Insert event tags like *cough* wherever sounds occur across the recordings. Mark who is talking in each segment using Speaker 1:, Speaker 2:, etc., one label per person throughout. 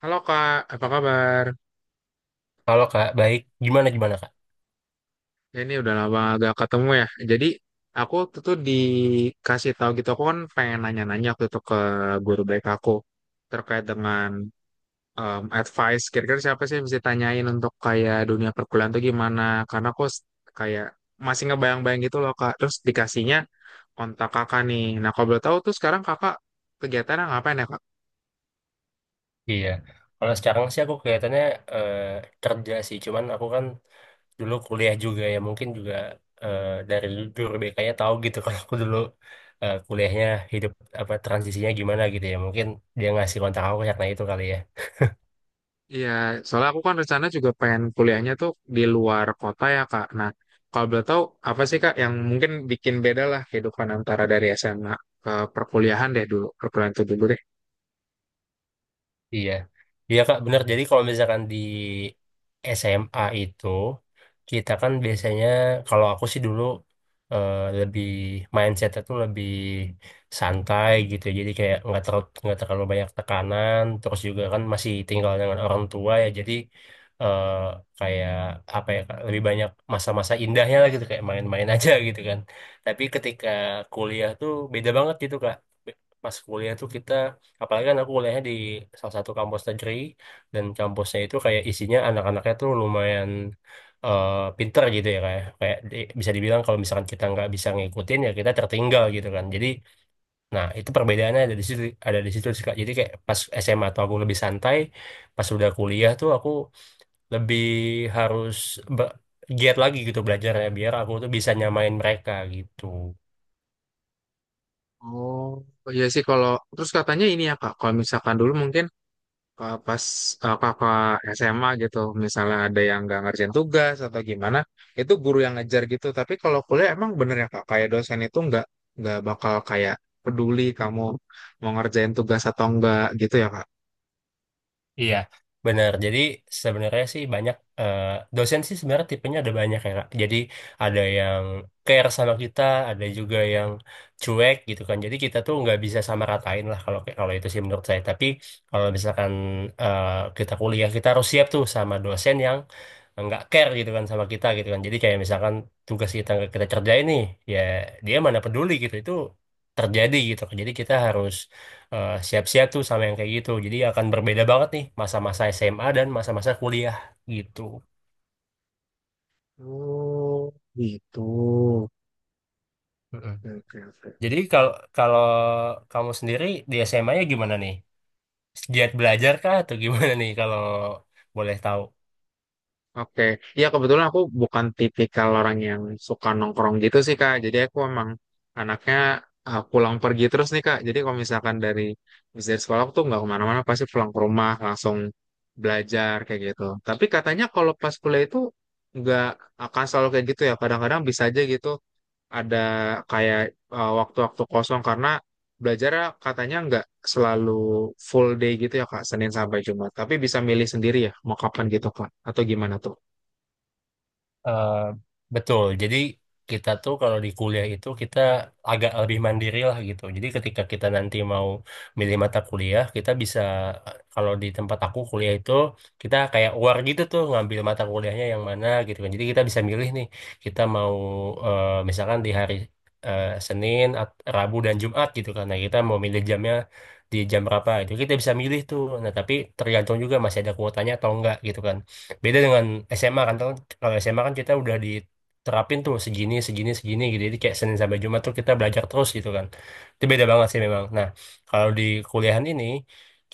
Speaker 1: Halo Kak, apa kabar?
Speaker 2: Halo Kak, baik. Gimana gimana Kak?
Speaker 1: Ya, ini udah lama gak ketemu ya. Jadi aku tuh dikasih tahu gitu, aku kan pengen nanya-nanya waktu itu ke guru baik aku terkait dengan advice. Kira-kira siapa sih yang bisa tanyain untuk kayak dunia perkuliahan tuh gimana? Karena aku kayak masih ngebayang-bayang gitu loh Kak. Terus dikasihnya kontak kakak nih. Nah kalau boleh tahu tuh sekarang kakak kegiatannya ngapain ya.
Speaker 2: Iya. Kalau sekarang sih aku kelihatannya eh, kerja sih, cuman aku kan dulu kuliah juga ya, mungkin juga dari guru BK-nya tahu gitu *laughs* kalau aku dulu kuliahnya hidup apa transisinya gimana gitu ya. Mungkin dia ngasih kontak aku karena itu kali ya.
Speaker 1: Iya, soalnya aku kan rencana juga pengen kuliahnya tuh di luar kota ya, Kak. Nah, kalau boleh tahu apa sih, Kak, yang mungkin bikin beda lah kehidupan antara dari SMA ke perkuliahan deh dulu, perkuliahan itu dulu deh.
Speaker 2: Iya, iya Kak, benar. Jadi kalau misalkan di SMA itu kita kan biasanya kalau aku sih dulu lebih mindsetnya tuh lebih santai gitu. Jadi kayak nggak terlalu banyak tekanan. Terus juga kan masih tinggal dengan orang tua ya. Jadi eh, kayak apa ya Kak, lebih banyak masa-masa indahnya lah gitu kayak main-main *laughs* aja gitu kan. Tapi ketika kuliah tuh beda banget gitu Kak. Pas kuliah tuh kita apalagi kan aku kuliahnya di salah satu kampus negeri dan kampusnya itu kayak isinya anak-anaknya tuh lumayan eh, pinter gitu ya kayak kayak di- bisa dibilang kalau misalkan kita nggak bisa ngikutin ya kita tertinggal gitu kan. Jadi nah itu perbedaannya ada di situ sih, Kak. Jadi kayak pas SMA tuh aku lebih santai, pas udah kuliah tuh aku lebih harus ber- giat lagi gitu belajarnya biar aku tuh bisa nyamain mereka gitu.
Speaker 1: Oh, iya sih kalau terus katanya ini ya, Kak, kalau misalkan dulu mungkin pas Kakak SMA gitu, misalnya ada yang nggak ngerjain tugas atau gimana, itu guru yang ngejar gitu. Tapi kalau kuliah emang bener ya, Kak, kayak dosen itu nggak bakal kayak peduli kamu mau ngerjain tugas atau enggak gitu ya, Kak.
Speaker 2: Iya, benar. Jadi sebenarnya sih banyak eh, dosen sih sebenarnya tipenya ada banyak ya, Kak. Jadi ada yang care sama kita, ada juga yang cuek gitu kan. Jadi kita tuh nggak bisa sama ratain lah kalau kalau itu sih menurut saya. Tapi kalau misalkan eh, kita kuliah, kita harus siap tuh sama dosen yang nggak care gitu kan sama kita gitu kan. Jadi kayak misalkan tugas kita nggak kita kerjain nih, ya dia mana peduli gitu. Itu terjadi gitu kan. Jadi kita harus siap-siap tuh sama yang kayak gitu. Jadi akan berbeda banget nih masa-masa SMA dan masa-masa kuliah gitu.
Speaker 1: Oh, gitu.
Speaker 2: Mm-mm.
Speaker 1: Oke, oke, oke.
Speaker 2: Jadi kalau kalau kamu sendiri di SMA-nya gimana nih? Giat belajar kah atau gimana nih kalau boleh tahu?
Speaker 1: Oke. Ya kebetulan aku bukan tipikal orang yang suka nongkrong gitu sih, Kak. Jadi aku emang anaknya pulang pergi terus nih, Kak. Jadi kalau misalkan dari habis dari sekolah aku tuh nggak kemana-mana, pasti pulang ke rumah langsung belajar kayak gitu. Tapi katanya kalau pas kuliah itu nggak akan selalu kayak gitu ya. Kadang-kadang bisa aja gitu ada kayak waktu-waktu kosong karena belajar ya, katanya nggak selalu full day gitu ya Kak, Senin sampai Jumat. Tapi bisa milih sendiri ya, mau kapan gitu Kak, atau gimana tuh?
Speaker 2: Eh, betul. Jadi kita tuh kalau di kuliah itu kita agak lebih mandiri lah gitu. Jadi ketika kita nanti mau milih mata kuliah, kita bisa kalau di tempat aku kuliah itu kita kayak war gitu tuh ngambil mata kuliahnya yang mana gitu kan. Jadi kita bisa milih nih kita mau misalkan di hari Senin, Rabu dan Jumat gitu kan. Nah, kita mau milih jamnya di jam berapa itu kita bisa milih tuh. Nah, tapi tergantung juga masih ada kuotanya atau enggak gitu kan beda dengan SMA kan kalau SMA kan kita udah diterapin tuh segini segini segini gitu jadi kayak Senin sampai Jumat tuh kita belajar terus gitu kan itu beda banget sih memang. Nah kalau di kuliahan ini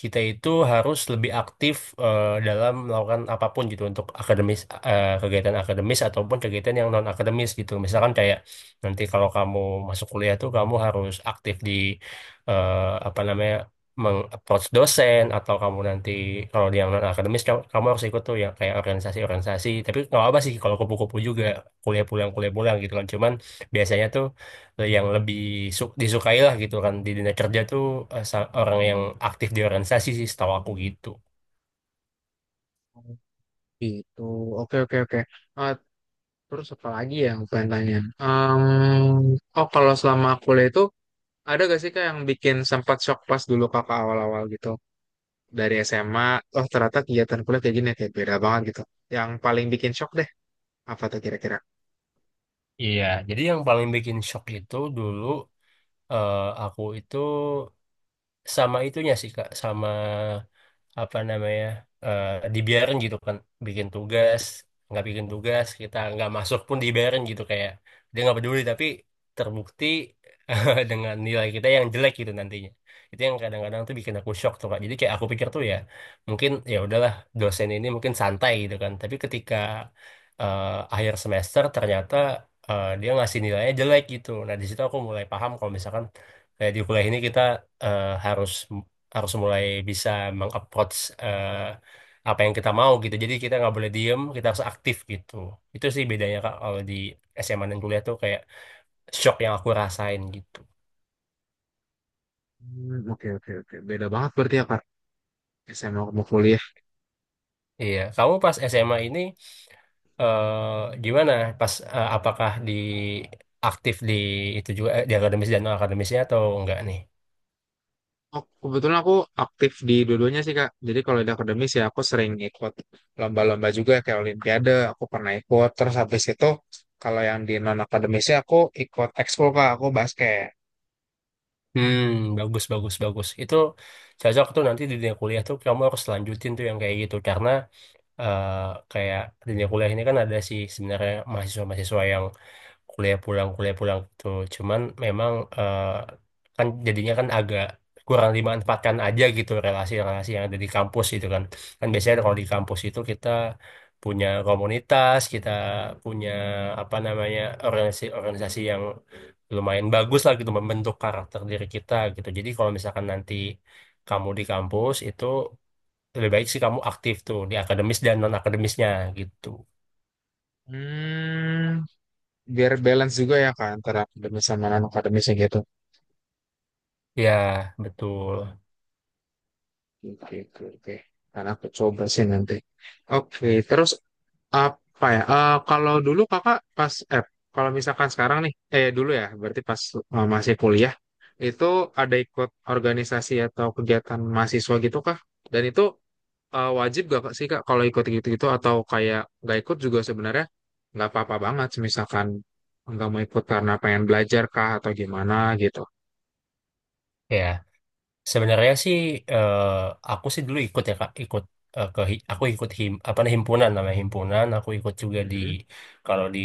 Speaker 2: kita itu harus lebih aktif dalam melakukan apapun gitu untuk akademis kegiatan akademis ataupun kegiatan yang non akademis gitu misalkan kayak nanti kalau kamu masuk kuliah tuh kamu harus aktif di eh, apa namanya meng-approach dosen atau kamu nanti kalau di yang non akademis kamu, kamu harus ikut tuh yang kayak organisasi-organisasi tapi nggak apa sih kalau kupu-kupu juga kuliah pulang gitu kan cuman biasanya tuh yang lebih disukai lah gitu kan di dunia kerja tuh orang yang aktif di organisasi sih setahu aku gitu.
Speaker 1: Oh, gitu, oke, oke, oke. Eh, terus apa lagi ya yang pengen tanya? Em, oh kalau selama kuliah itu, ada gak sih Kak yang bikin sempat shock pas dulu Kakak awal-awal gitu? Dari SMA, oh ternyata kegiatan kuliah kayak gini, ya, kayak beda banget gitu. Yang paling bikin shock deh, apa tuh kira-kira?
Speaker 2: Iya, jadi yang paling bikin shock itu dulu aku itu sama itunya sih Kak sama apa namanya dibiarin gitu kan bikin tugas nggak bikin tugas kita nggak masuk pun dibiarin gitu kayak dia nggak peduli tapi terbukti *laughs* dengan nilai kita yang jelek gitu nantinya. Itu yang kadang-kadang tuh bikin aku shock tuh Kak jadi kayak aku pikir tuh ya mungkin ya udahlah dosen ini mungkin santai gitu kan tapi ketika eh, akhir semester ternyata dia ngasih nilainya jelek gitu nah di situ aku mulai paham kalau misalkan kayak di kuliah ini kita harus harus mulai bisa mengapproach eh, apa yang kita mau gitu. Jadi kita nggak boleh diem, kita harus aktif gitu. Itu sih bedanya Kak kalau di SMA dan kuliah tuh kayak shock yang aku rasain gitu.
Speaker 1: Hmm, oke, oke, oke, beda banget berarti ya Kak. SMA mau kuliah.
Speaker 2: Iya, kamu pas SMA ini gimana? Pas apakah di aktif di itu juga di akademis dan non akademisnya atau enggak nih?
Speaker 1: Oh, kebetulan aku aktif di dua-duanya sih Kak. Jadi kalau di akademis ya aku sering ikut lomba-lomba juga kayak Olimpiade, aku pernah ikut. Terus habis itu kalau yang di non akademisnya aku ikut ekskul Kak, aku basket.
Speaker 2: Hmm, bagus bagus bagus. Itu cocok tuh nanti di dunia kuliah tuh kamu harus lanjutin tuh yang kayak gitu karena eh, kayak dunia kuliah ini kan ada sih sebenarnya mahasiswa-mahasiswa yang kuliah pulang gitu. Cuman memang eh, kan jadinya kan agak kurang dimanfaatkan aja gitu relasi-relasi yang ada di kampus gitu kan. Kan biasanya kalau di kampus itu kita punya komunitas, kita punya apa namanya organisasi-organisasi yang lumayan bagus lah gitu membentuk karakter diri kita gitu. Jadi kalau misalkan nanti kamu di kampus itu lebih baik sih kamu aktif tuh di akademis dan non akademisnya gitu
Speaker 1: Hmm, biar balance juga ya Kak antara akademis sama non akademisnya gitu.
Speaker 2: ya betul.
Speaker 1: Oke, oke, oke. Karena aku coba sih nanti. Oke, terus apa ya? Kalau dulu kakak pas eh kalau misalkan sekarang nih, dulu ya, berarti pas masih kuliah itu ada ikut organisasi atau kegiatan mahasiswa gitu kah? Dan itu wajib gak Kak, sih kak kalau ikut gitu-gitu atau kayak nggak ikut juga sebenarnya nggak apa-apa banget, misalkan nggak mau ikut karena pengen belajar kah atau gimana gitu.
Speaker 2: Ya sebenarnya sih eh, aku sih dulu ikut ya Kak ikut aku ikut him apa nih himpunan namanya, himpunan aku ikut juga di
Speaker 1: Mhm.
Speaker 2: kalau di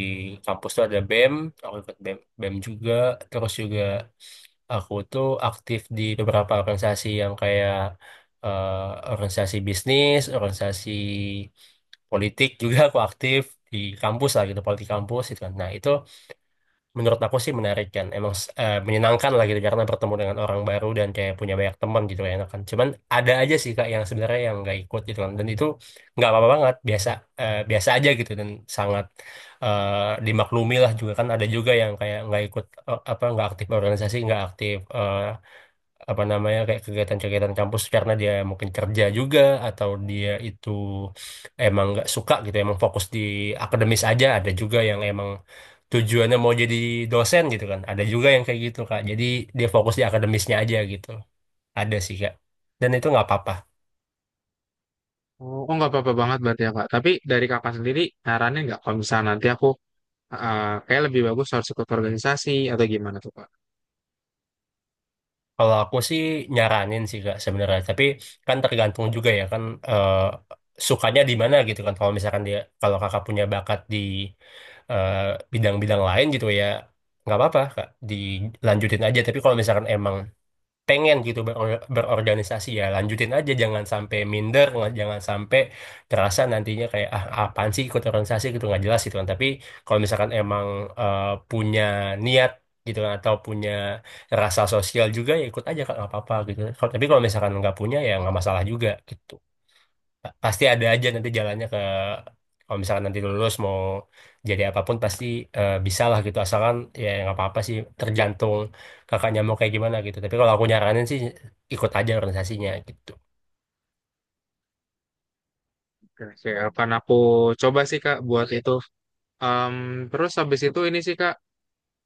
Speaker 2: kampus tuh ada BEM aku ikut BEM BEM juga terus juga aku tuh aktif di beberapa organisasi yang kayak eh, organisasi bisnis, organisasi politik juga aku aktif di kampus lah gitu politik kampus itu kan. Nah itu menurut aku sih menarik kan emang menyenangkan lah gitu karena bertemu dengan orang baru dan kayak punya banyak teman gitu enak kan cuman ada aja sih Kak yang sebenarnya yang nggak ikut gitu kan dan itu nggak apa-apa banget biasa biasa aja gitu dan sangat eh, dimaklumi lah juga kan ada juga yang kayak nggak ikut eh, apa nggak aktif organisasi, nggak aktif apa namanya kayak kegiatan-kegiatan kampus karena dia mungkin kerja juga atau dia itu emang nggak suka gitu emang fokus di akademis aja ada juga yang emang tujuannya mau jadi dosen gitu kan ada juga yang kayak gitu Kak jadi dia fokus di akademisnya aja gitu ada sih Kak dan itu nggak apa-apa.
Speaker 1: Oh, oh, nggak apa-apa banget berarti ya kak. Tapi dari kakak sendiri nyaranin nggak kalau misalnya nanti aku kayak lebih bagus harus ikut organisasi atau gimana tuh kak?
Speaker 2: Kalau aku sih nyaranin sih Kak sebenarnya, tapi kan tergantung juga ya kan eh, sukanya di mana gitu kan. Kalau misalkan dia kalau kakak punya bakat di eh, bidang-bidang lain gitu ya nggak apa-apa Kak, dilanjutin aja. Tapi kalau misalkan emang pengen gitu berorganisasi ya lanjutin aja jangan sampai minder jangan sampai terasa nantinya kayak ah apaan sih ikut organisasi gitu nggak jelas gitu kan tapi kalau misalkan emang eh, punya niat gitu kan atau punya rasa sosial juga ya ikut aja kan nggak apa-apa gitu. Tapi kalau misalkan nggak punya ya nggak masalah juga gitu. Pasti ada aja nanti jalannya ke kalau misalkan nanti lulus mau jadi apapun pasti bisa lah gitu asalkan ya nggak apa-apa sih tergantung kakaknya mau kayak gimana gitu tapi kalau aku nyaranin sih ikut aja organisasinya gitu.
Speaker 1: Oke, akan aku coba sih Kak buat itu. Em, terus habis itu ini sih Kak,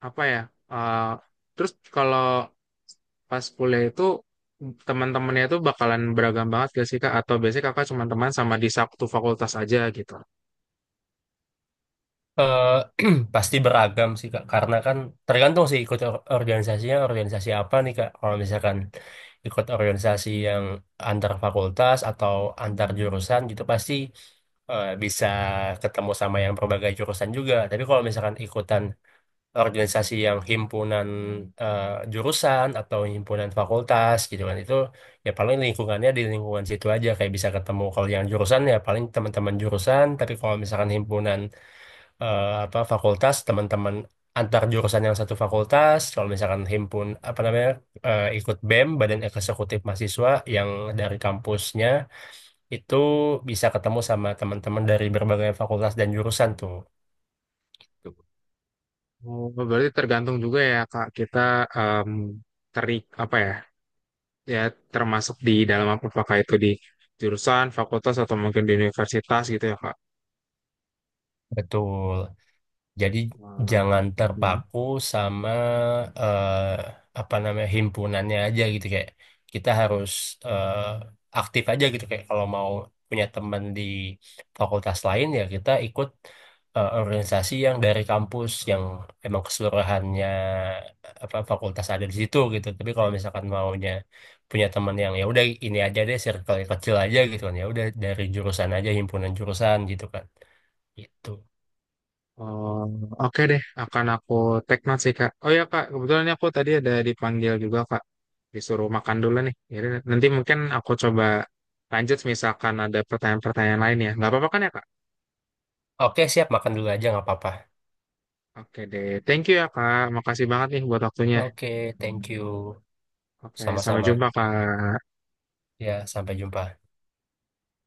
Speaker 1: apa ya? Eh, terus kalau pas kuliah itu teman-temannya itu bakalan beragam banget gak sih Kak? Atau biasanya Kakak cuma teman sama di satu fakultas aja gitu?
Speaker 2: Eh, *clears throat* pasti beragam sih Kak karena kan tergantung sih ikut organisasinya organisasi apa nih Kak kalau misalkan ikut organisasi yang antar fakultas atau antar jurusan gitu pasti bisa ketemu sama yang berbagai jurusan juga tapi kalau misalkan ikutan organisasi yang himpunan eh, jurusan atau himpunan fakultas gitu kan itu ya paling lingkungannya di lingkungan situ aja kayak bisa ketemu kalau yang jurusan ya paling teman-teman jurusan tapi kalau misalkan himpunan eh, apa fakultas teman-teman antar jurusan yang satu fakultas kalau misalkan himpun apa namanya ikut BEM Badan Eksekutif Mahasiswa yang dari kampusnya itu bisa ketemu sama teman-teman dari berbagai fakultas dan jurusan tuh
Speaker 1: Oh, berarti tergantung juga ya Kak, kita em, terik apa ya? Ya termasuk di dalam apa apakah itu di jurusan, fakultas atau mungkin di universitas gitu ya Kak?
Speaker 2: betul. Jadi
Speaker 1: Wah,
Speaker 2: jangan
Speaker 1: hmm.
Speaker 2: terpaku sama eh, apa namanya himpunannya aja gitu kayak kita harus eh, aktif aja gitu kayak kalau mau punya teman di fakultas lain ya kita ikut organisasi yang dari kampus yang emang keseluruhannya apa fakultas ada di situ gitu. Tapi kalau misalkan maunya punya teman yang ya udah ini aja deh circle yang kecil aja gitu kan ya udah dari jurusan aja himpunan jurusan gitu kan. Gitu.
Speaker 1: Oh, oke deh, akan aku take note sih Kak. Oh ya Kak, kebetulan ini aku tadi ada dipanggil juga Kak, disuruh makan dulu nih. Jadi nanti mungkin aku coba lanjut misalkan ada pertanyaan-pertanyaan lain ya. Nggak apa-apa kan ya Kak?
Speaker 2: Oke, siap. Makan dulu aja, nggak apa-apa.
Speaker 1: Oke deh, thank you ya Kak. Makasih banget nih buat waktunya.
Speaker 2: Oke, thank you.
Speaker 1: Oke, sampai
Speaker 2: Sama-sama.
Speaker 1: jumpa Kak.
Speaker 2: Ya, sampai jumpa.